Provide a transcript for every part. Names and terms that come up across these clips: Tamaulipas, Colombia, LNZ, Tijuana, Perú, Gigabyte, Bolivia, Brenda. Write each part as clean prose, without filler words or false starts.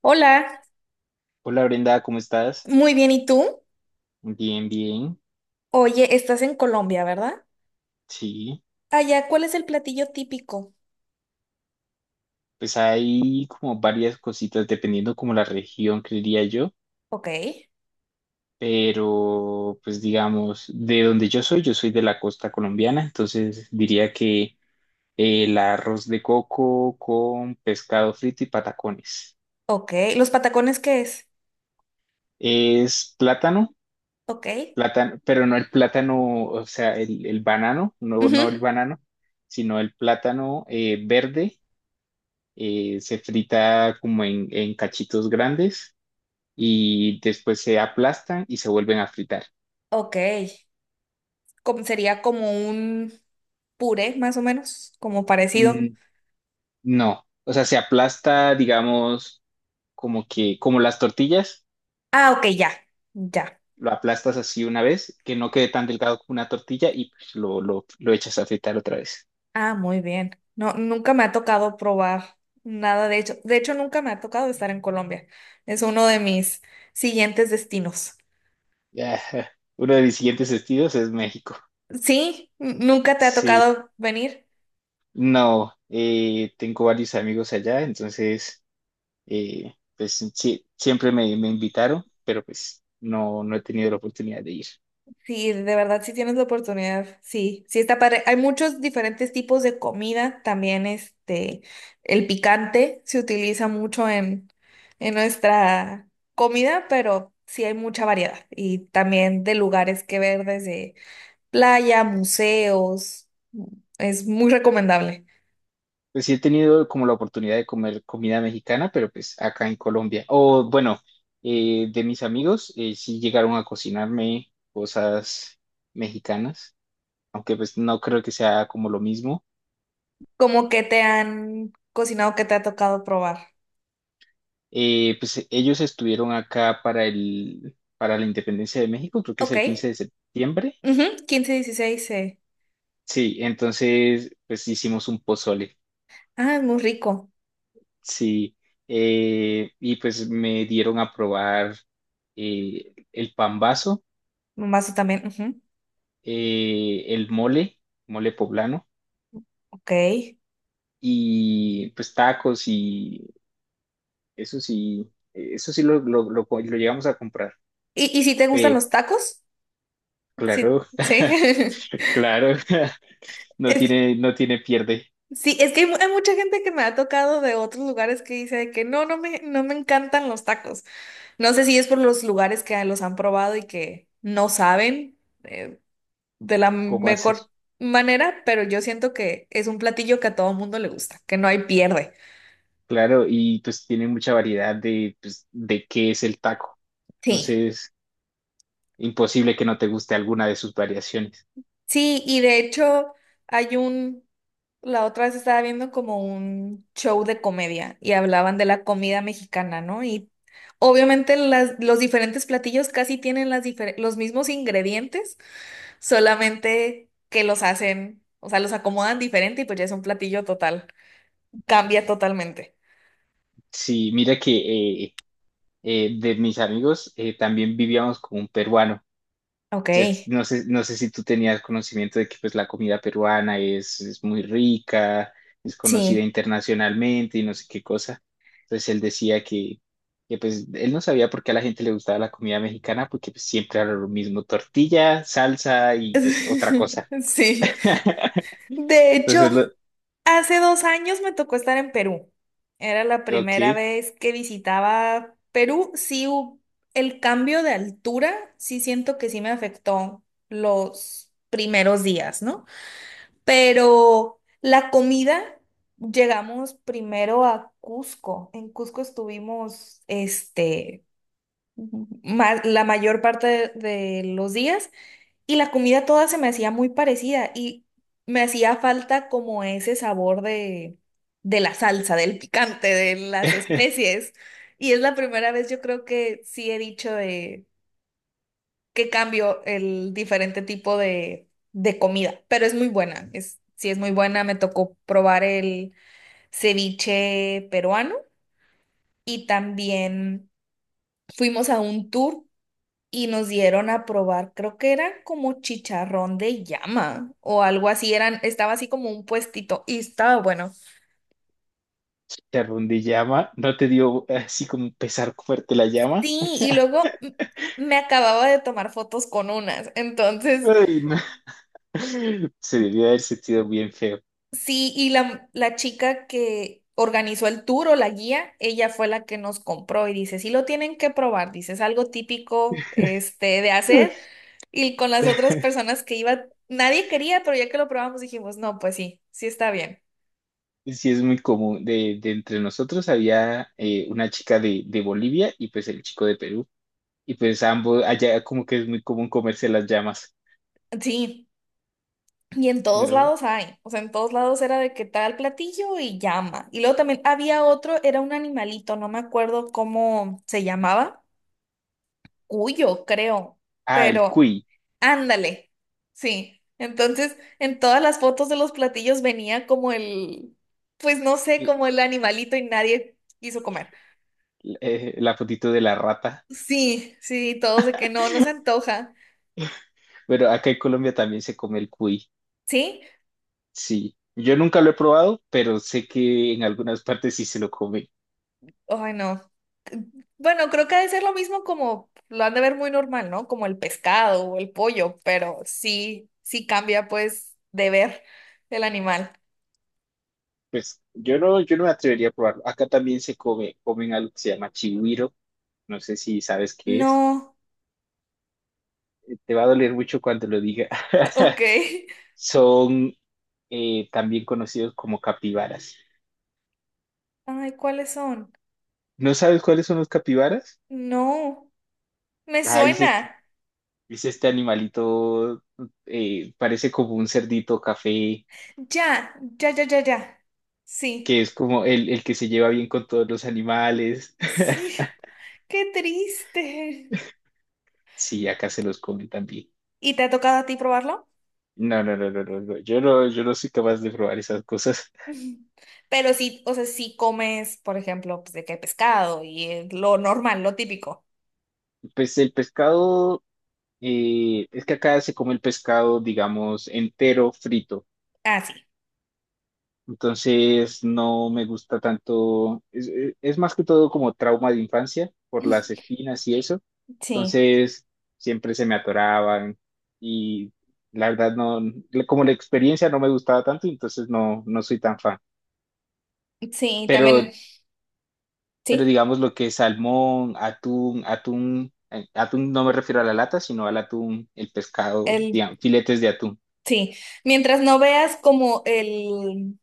Hola, Hola Brenda, ¿cómo estás? muy bien, ¿y tú? Bien, bien. Oye, estás en Colombia, ¿verdad? Sí, Allá, ¿cuál es el platillo típico? pues hay como varias cositas dependiendo como la región, creería yo, Ok, pero pues digamos, de donde yo soy de la costa colombiana, entonces diría que el arroz de coco con pescado frito y patacones. ok. ¿Los patacones qué es? Es plátano, Ok. plátano, pero no el plátano, o sea, el banano, no, no el Ujú. banano, sino el plátano verde, se frita como en cachitos grandes y después se aplastan y se vuelven a fritar. Ok. Sería como un puré, más o menos, como parecido. Mm, no, o sea, se aplasta, digamos, como que, como las tortillas, Ah, ok, ya, ya. lo aplastas así una vez, que no quede tan delgado como una tortilla y pues, lo echas a fritar otra vez. Ah, muy bien. No, nunca me ha tocado probar nada de hecho. De hecho, nunca me ha tocado estar en Colombia. Es uno de mis siguientes destinos. Ya, uno de mis siguientes destinos es México. Sí, nunca te ha Sí, tocado venir. no, tengo varios amigos allá, entonces... pues sí, siempre me invitaron, pero pues no, no he tenido la oportunidad de ir. Sí, de verdad, si tienes la oportunidad, sí, sí está padre. Hay muchos diferentes tipos de comida, también el picante se utiliza mucho en nuestra comida, pero sí hay mucha variedad y también de lugares que ver desde playa, museos, es muy recomendable. Pues sí he tenido como la oportunidad de comer comida mexicana, pero pues acá en Colombia. O bueno, de mis amigos sí llegaron a cocinarme cosas mexicanas, aunque pues no creo que sea como lo mismo. Como que te han cocinado, que te ha tocado probar. Pues ellos estuvieron acá para para la independencia de México, creo que es Ok, el 15 de septiembre. ujú, 15, 16, Sí, entonces pues hicimos un pozole. Ah, es muy rico. Sí, y pues me dieron a probar el pambazo, Mazo también, ujú. El mole, mole poblano, Ok. y pues tacos y eso sí lo llegamos a comprar. ¿Y si te gustan Eh, los tacos? Sí, claro, sí. claro, no Es que- tiene, no tiene pierde sí, es que hay, hay mucha gente que me ha tocado de otros lugares que dice de que no, no me encantan los tacos. No sé si es por los lugares que los han probado y que no saben eh, de la cómo hacer. mejor manera, pero yo siento que es un platillo que a todo mundo le gusta, que no hay pierde. Claro, y pues tiene mucha variedad de, pues, de qué es el taco, Sí, entonces imposible que no te guste alguna de sus variaciones. sí, y de hecho hay un, la otra vez estaba viendo como un show de comedia y hablaban de la comida mexicana, ¿no? Y obviamente los diferentes platillos casi tienen los mismos ingredientes, solamente que los hacen, o sea, los acomodan diferente y pues ya es un platillo total, cambia totalmente. Sí, mira que de mis amigos también vivíamos con un peruano. Ok, Entonces, no sé, no sé si tú tenías conocimiento de que pues, la comida peruana es muy rica, es sí. conocida internacionalmente y no sé qué cosa. Entonces él decía que pues, él no sabía por qué a la gente le gustaba la comida mexicana, porque pues, siempre era lo mismo, tortilla, salsa y pues otra cosa. Sí. De hecho, Entonces, lo, hace 2 años me tocó estar en Perú. Era la ok. primera vez que visitaba Perú. Sí, el cambio de altura, sí siento que sí me afectó los primeros días, ¿no? Pero la comida, llegamos primero a Cusco. En Cusco estuvimos, la mayor parte de los días. Y la comida toda se me hacía muy parecida y me hacía falta como ese sabor de la salsa, del picante, de las especies. Y es la primera vez yo creo que sí he dicho de que cambio el diferente tipo de comida, pero es muy buena, sí es muy buena. Me tocó probar el ceviche peruano y también fuimos a un tour y nos dieron a probar, creo que era como chicharrón de llama o algo así, estaba así como un puestito y estaba bueno. Te ardilla llama, ¿no te dio así como un pesar fuerte la llama? Sí, y luego me acababa de tomar fotos con unas, entonces Ay, no. Se debió haber sentido bien feo. sí, y la chica que organizó el tour o la guía, ella fue la que nos compró y dice, sí lo tienen que probar, dice, es algo típico de hacer. Y con las otras personas que iba, nadie quería, pero ya que lo probamos dijimos, no, pues sí, sí está bien. Sí, es muy común. De entre nosotros había una chica de Bolivia y pues el chico de Perú. Y pues ambos, allá como que es muy común comerse las llamas, Sí. Y en todos ¿no? lados hay, o sea, en todos lados era de que tal platillo y llama. Y luego también había otro, era un animalito, no me acuerdo cómo se llamaba, cuyo, creo, Ah, el pero cuy, ándale, sí. Entonces, en todas las fotos de los platillos venía como pues no sé, l- como el animalito y nadie quiso comer. La fotito de la rata. Sí, sí, todos de que no, no se antoja, Bueno, acá en Colombia también se come el cuy, ¿sí? sí. Yo nunca lo he probado, pero sé que en algunas partes sí se lo come. Ay, no. Bueno, creo que ha de ser lo mismo como lo han de ver muy normal, ¿no? Como el pescado o el pollo, pero sí, sí cambia pues de ver el animal. Pues yo no, yo no me atrevería a probarlo. Acá también se come, comen algo que se llama chigüiro, no sé si sabes qué es. No, Te va a doler mucho cuando lo diga. ok. Son también conocidos como capibaras. Ay, ¿cuáles son? ¿No sabes cuáles son los capibaras? No, me Ah, suena. es este animalito, parece como un cerdito café, Ya, ya, ya, ya, ya. Sí, que es como el que se lleva bien con todos los animales. sí. Qué triste. Sí, acá se los comen también. ¿Y te ha tocado a ti probarlo? No, no, no, no, no, no. Yo no, yo no soy capaz de probar esas cosas. Ujú. Pero sí, o sea, sí comes, por ejemplo, pues de qué pescado y lo normal, lo típico. Pues el pescado, es que acá se come el pescado, digamos, entero, frito. Ah, sí. Entonces no me gusta tanto, es más que todo como trauma de infancia por las espinas y eso. Sí, Entonces siempre se me atoraban y la verdad no, como la experiencia no me gustaba tanto, entonces no, no soy tan fan. sí, también, Pero, pero sí, digamos lo que es salmón, atún no me refiero a la lata, sino al atún, el pescado, el, digamos, filetes de atún. sí. Mientras no veas como el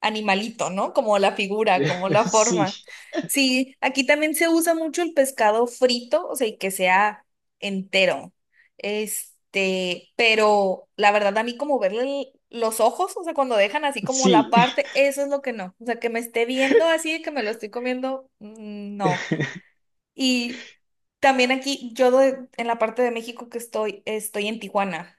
animalito, ¿no? Como la figura, como la Sí. forma. Sí, aquí también se usa mucho el pescado frito, o sea, y que sea entero. Este, pero la verdad a mí como verle los ojos, o sea, cuando dejan así como la Sí. parte, eso es lo que no. O sea, que me esté viendo así, que me lo estoy comiendo, no. Y también aquí, yo en la parte de México que estoy, estoy en Tijuana.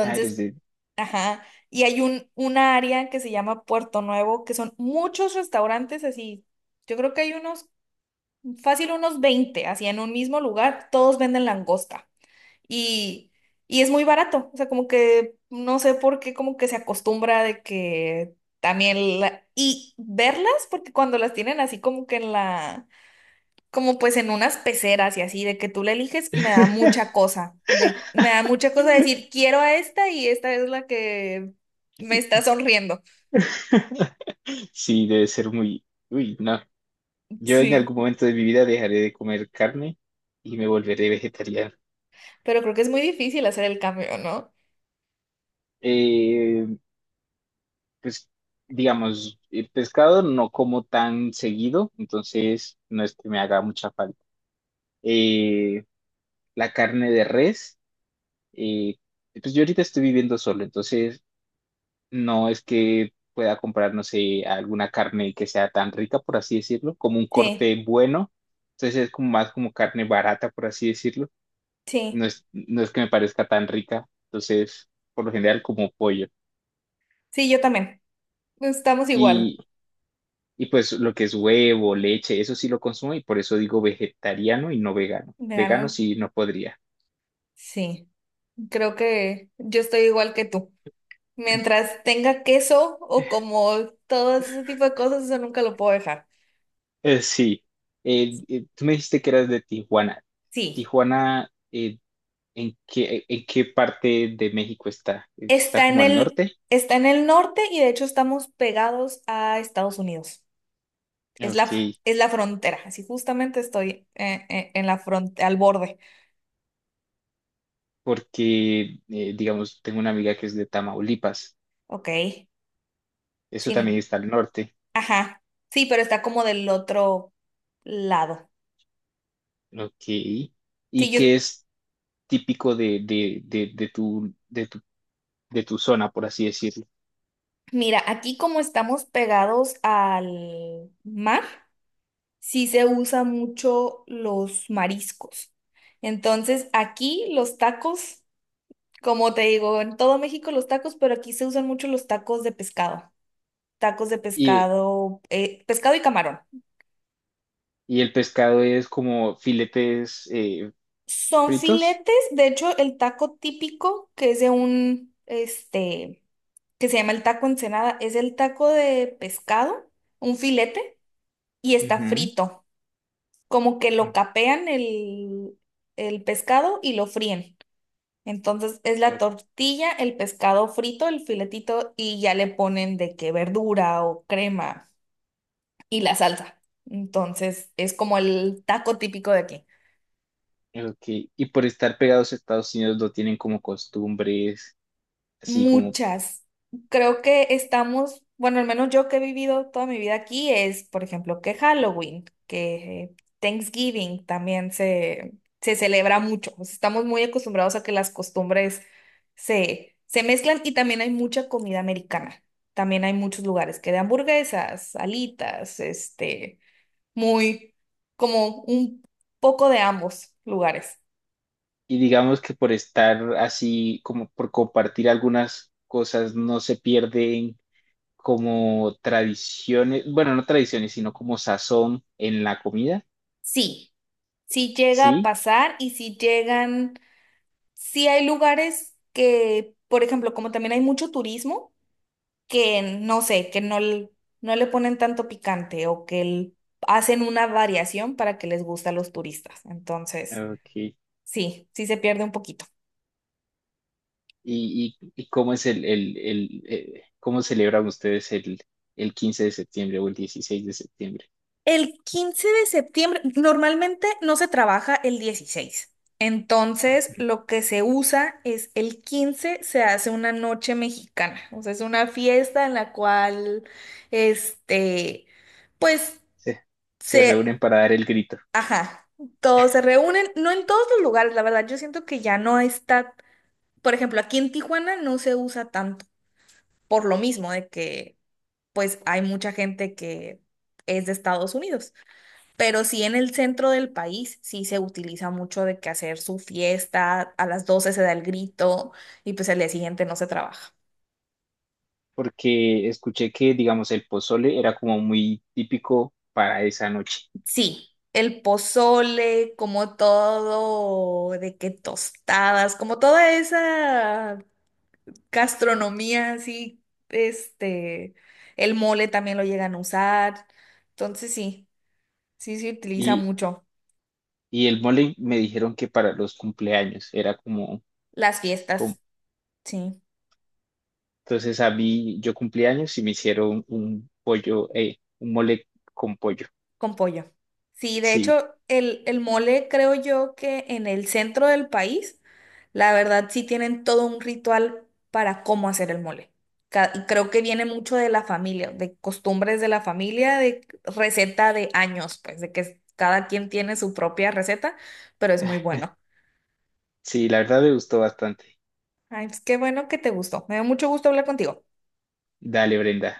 Ah, eres de... ajá. Y hay una área que se llama Puerto Nuevo, que son muchos restaurantes así. Yo creo que hay unos, fácil unos 20 así en un mismo lugar, todos venden langosta. Y, y es muy barato. O sea, como que no sé por qué, como que se acostumbra de que también y verlas, porque cuando las tienen así como que en la como pues en unas peceras y así, de que tú la eliges, me da mucha cosa, me da mucha cosa decir, quiero a esta y esta es la que me está sonriendo. Sí, debe ser muy... Uy, no. Yo en algún Sí, momento de mi vida dejaré de comer carne y me volveré vegetariano. pero creo que es muy difícil hacer el cambio, ¿no? Eh, pues, digamos, el pescado no como tan seguido, entonces no es que me haga mucha falta. Eh, la carne de res, eh, pues yo ahorita estoy viviendo solo, entonces no es que pueda comprar, no sé, alguna carne que sea tan rica, por así decirlo, como un Sí, corte bueno. Entonces es como más como carne barata, por así decirlo. Sí, No es que me parezca tan rica. Entonces, por lo general, como pollo. sí, yo también. Estamos igual. Y, y pues lo que es huevo, leche, eso sí lo consumo y por eso digo vegetariano y no vegano. Me Vegano ganaron. sí no podría. Sí, creo que yo estoy igual que tú. Mientras tenga queso o como todo ese tipo de cosas, eso nunca lo puedo dejar. Eh, sí. Tú me dijiste que eras de Tijuana. Sí. Tijuana, ¿en qué, en qué parte de México está? ¿Está Está en como al el, norte? Está en el norte y de hecho estamos pegados a Estados Unidos. Es Ok, es la frontera. Así justamente estoy en la frontera, al borde. porque, digamos, tengo una amiga que es de Tamaulipas. Ok. Eso Sí, también está al norte. ajá. Sí, pero está como del otro lado. Ok. Sí, ¿Y qué es típico de tu zona, por así decirlo? mira, aquí como estamos pegados al mar, sí se usa mucho los mariscos. Entonces, aquí los tacos. Como te digo, en todo México los tacos, pero aquí se usan mucho los tacos de pescado. Tacos de Y, pescado, pescado y camarón. y el pescado es como filetes, Son fritos. filetes, de hecho, el taco típico que es que se llama el taco Ensenada, es el taco de pescado, un filete, y está Ujú. frito. Como que lo capean el pescado y lo fríen. Entonces es la O- tortilla, el pescado frito, el filetito, y ya le ponen de que verdura o crema. Y la salsa. Entonces, es como el taco típico de aquí. Ok. Y por estar pegados a Estados Unidos no tienen como costumbres, así como... Muchas. Creo que estamos, bueno, al menos yo que he vivido toda mi vida aquí es, por ejemplo, que Halloween, que Thanksgiving también se celebra mucho. O sea, estamos muy acostumbrados a que las costumbres se mezclan y también hay mucha comida americana. También hay muchos lugares que de hamburguesas, alitas, muy como un poco de ambos lugares. Y digamos que por estar así, como por compartir algunas cosas, no se pierden como tradiciones, bueno, no tradiciones, sino como sazón en la comida, Sí, sí llega a ¿sí? pasar y sí hay lugares que, por ejemplo, como también hay mucho turismo, que no sé, que no, no le ponen tanto picante o que hacen una variación para que les guste a los turistas. Entonces, Ok. sí, sí se pierde un poquito. Y cómo es cómo celebran ustedes el 15 de septiembre o el 16 de septiembre? El 15 de septiembre, normalmente no se trabaja el 16, entonces, lo que se usa es el 15 se hace una noche mexicana. O sea, es una fiesta en la cual, este, pues Se, se reúnen se, para dar el grito, ajá, todos se reúnen, no en todos los lugares, la verdad. Yo siento que ya no está, por ejemplo, aquí en Tijuana no se usa tanto, por lo mismo de que, pues, hay mucha gente que es de Estados Unidos. Pero sí en el centro del país sí se utiliza mucho de que hacer su fiesta, a las 12 se da el grito y pues el día siguiente no se trabaja. porque escuché que, digamos, el pozole era como muy típico para esa noche. Sí, el pozole, como todo, de que tostadas, como toda esa gastronomía así, este, el mole también lo llegan a usar. Entonces sí, sí se utiliza Y mucho y el mole me dijeron que para los cumpleaños era como, las como... fiestas, sí. entonces a mí yo cumpleaños y me hicieron un pollo, un mole con pollo. Con pollo. Sí, de Sí, hecho, el mole creo yo que en el centro del país, la verdad sí tienen todo un ritual para cómo hacer el mole. Creo que viene mucho de la familia, de costumbres de la familia, de receta de años, pues de que cada quien tiene su propia receta, pero es muy bueno. sí, la verdad me gustó bastante. Ay, pues qué bueno que te gustó. Me dio mucho gusto hablar contigo. Dale, Brenda.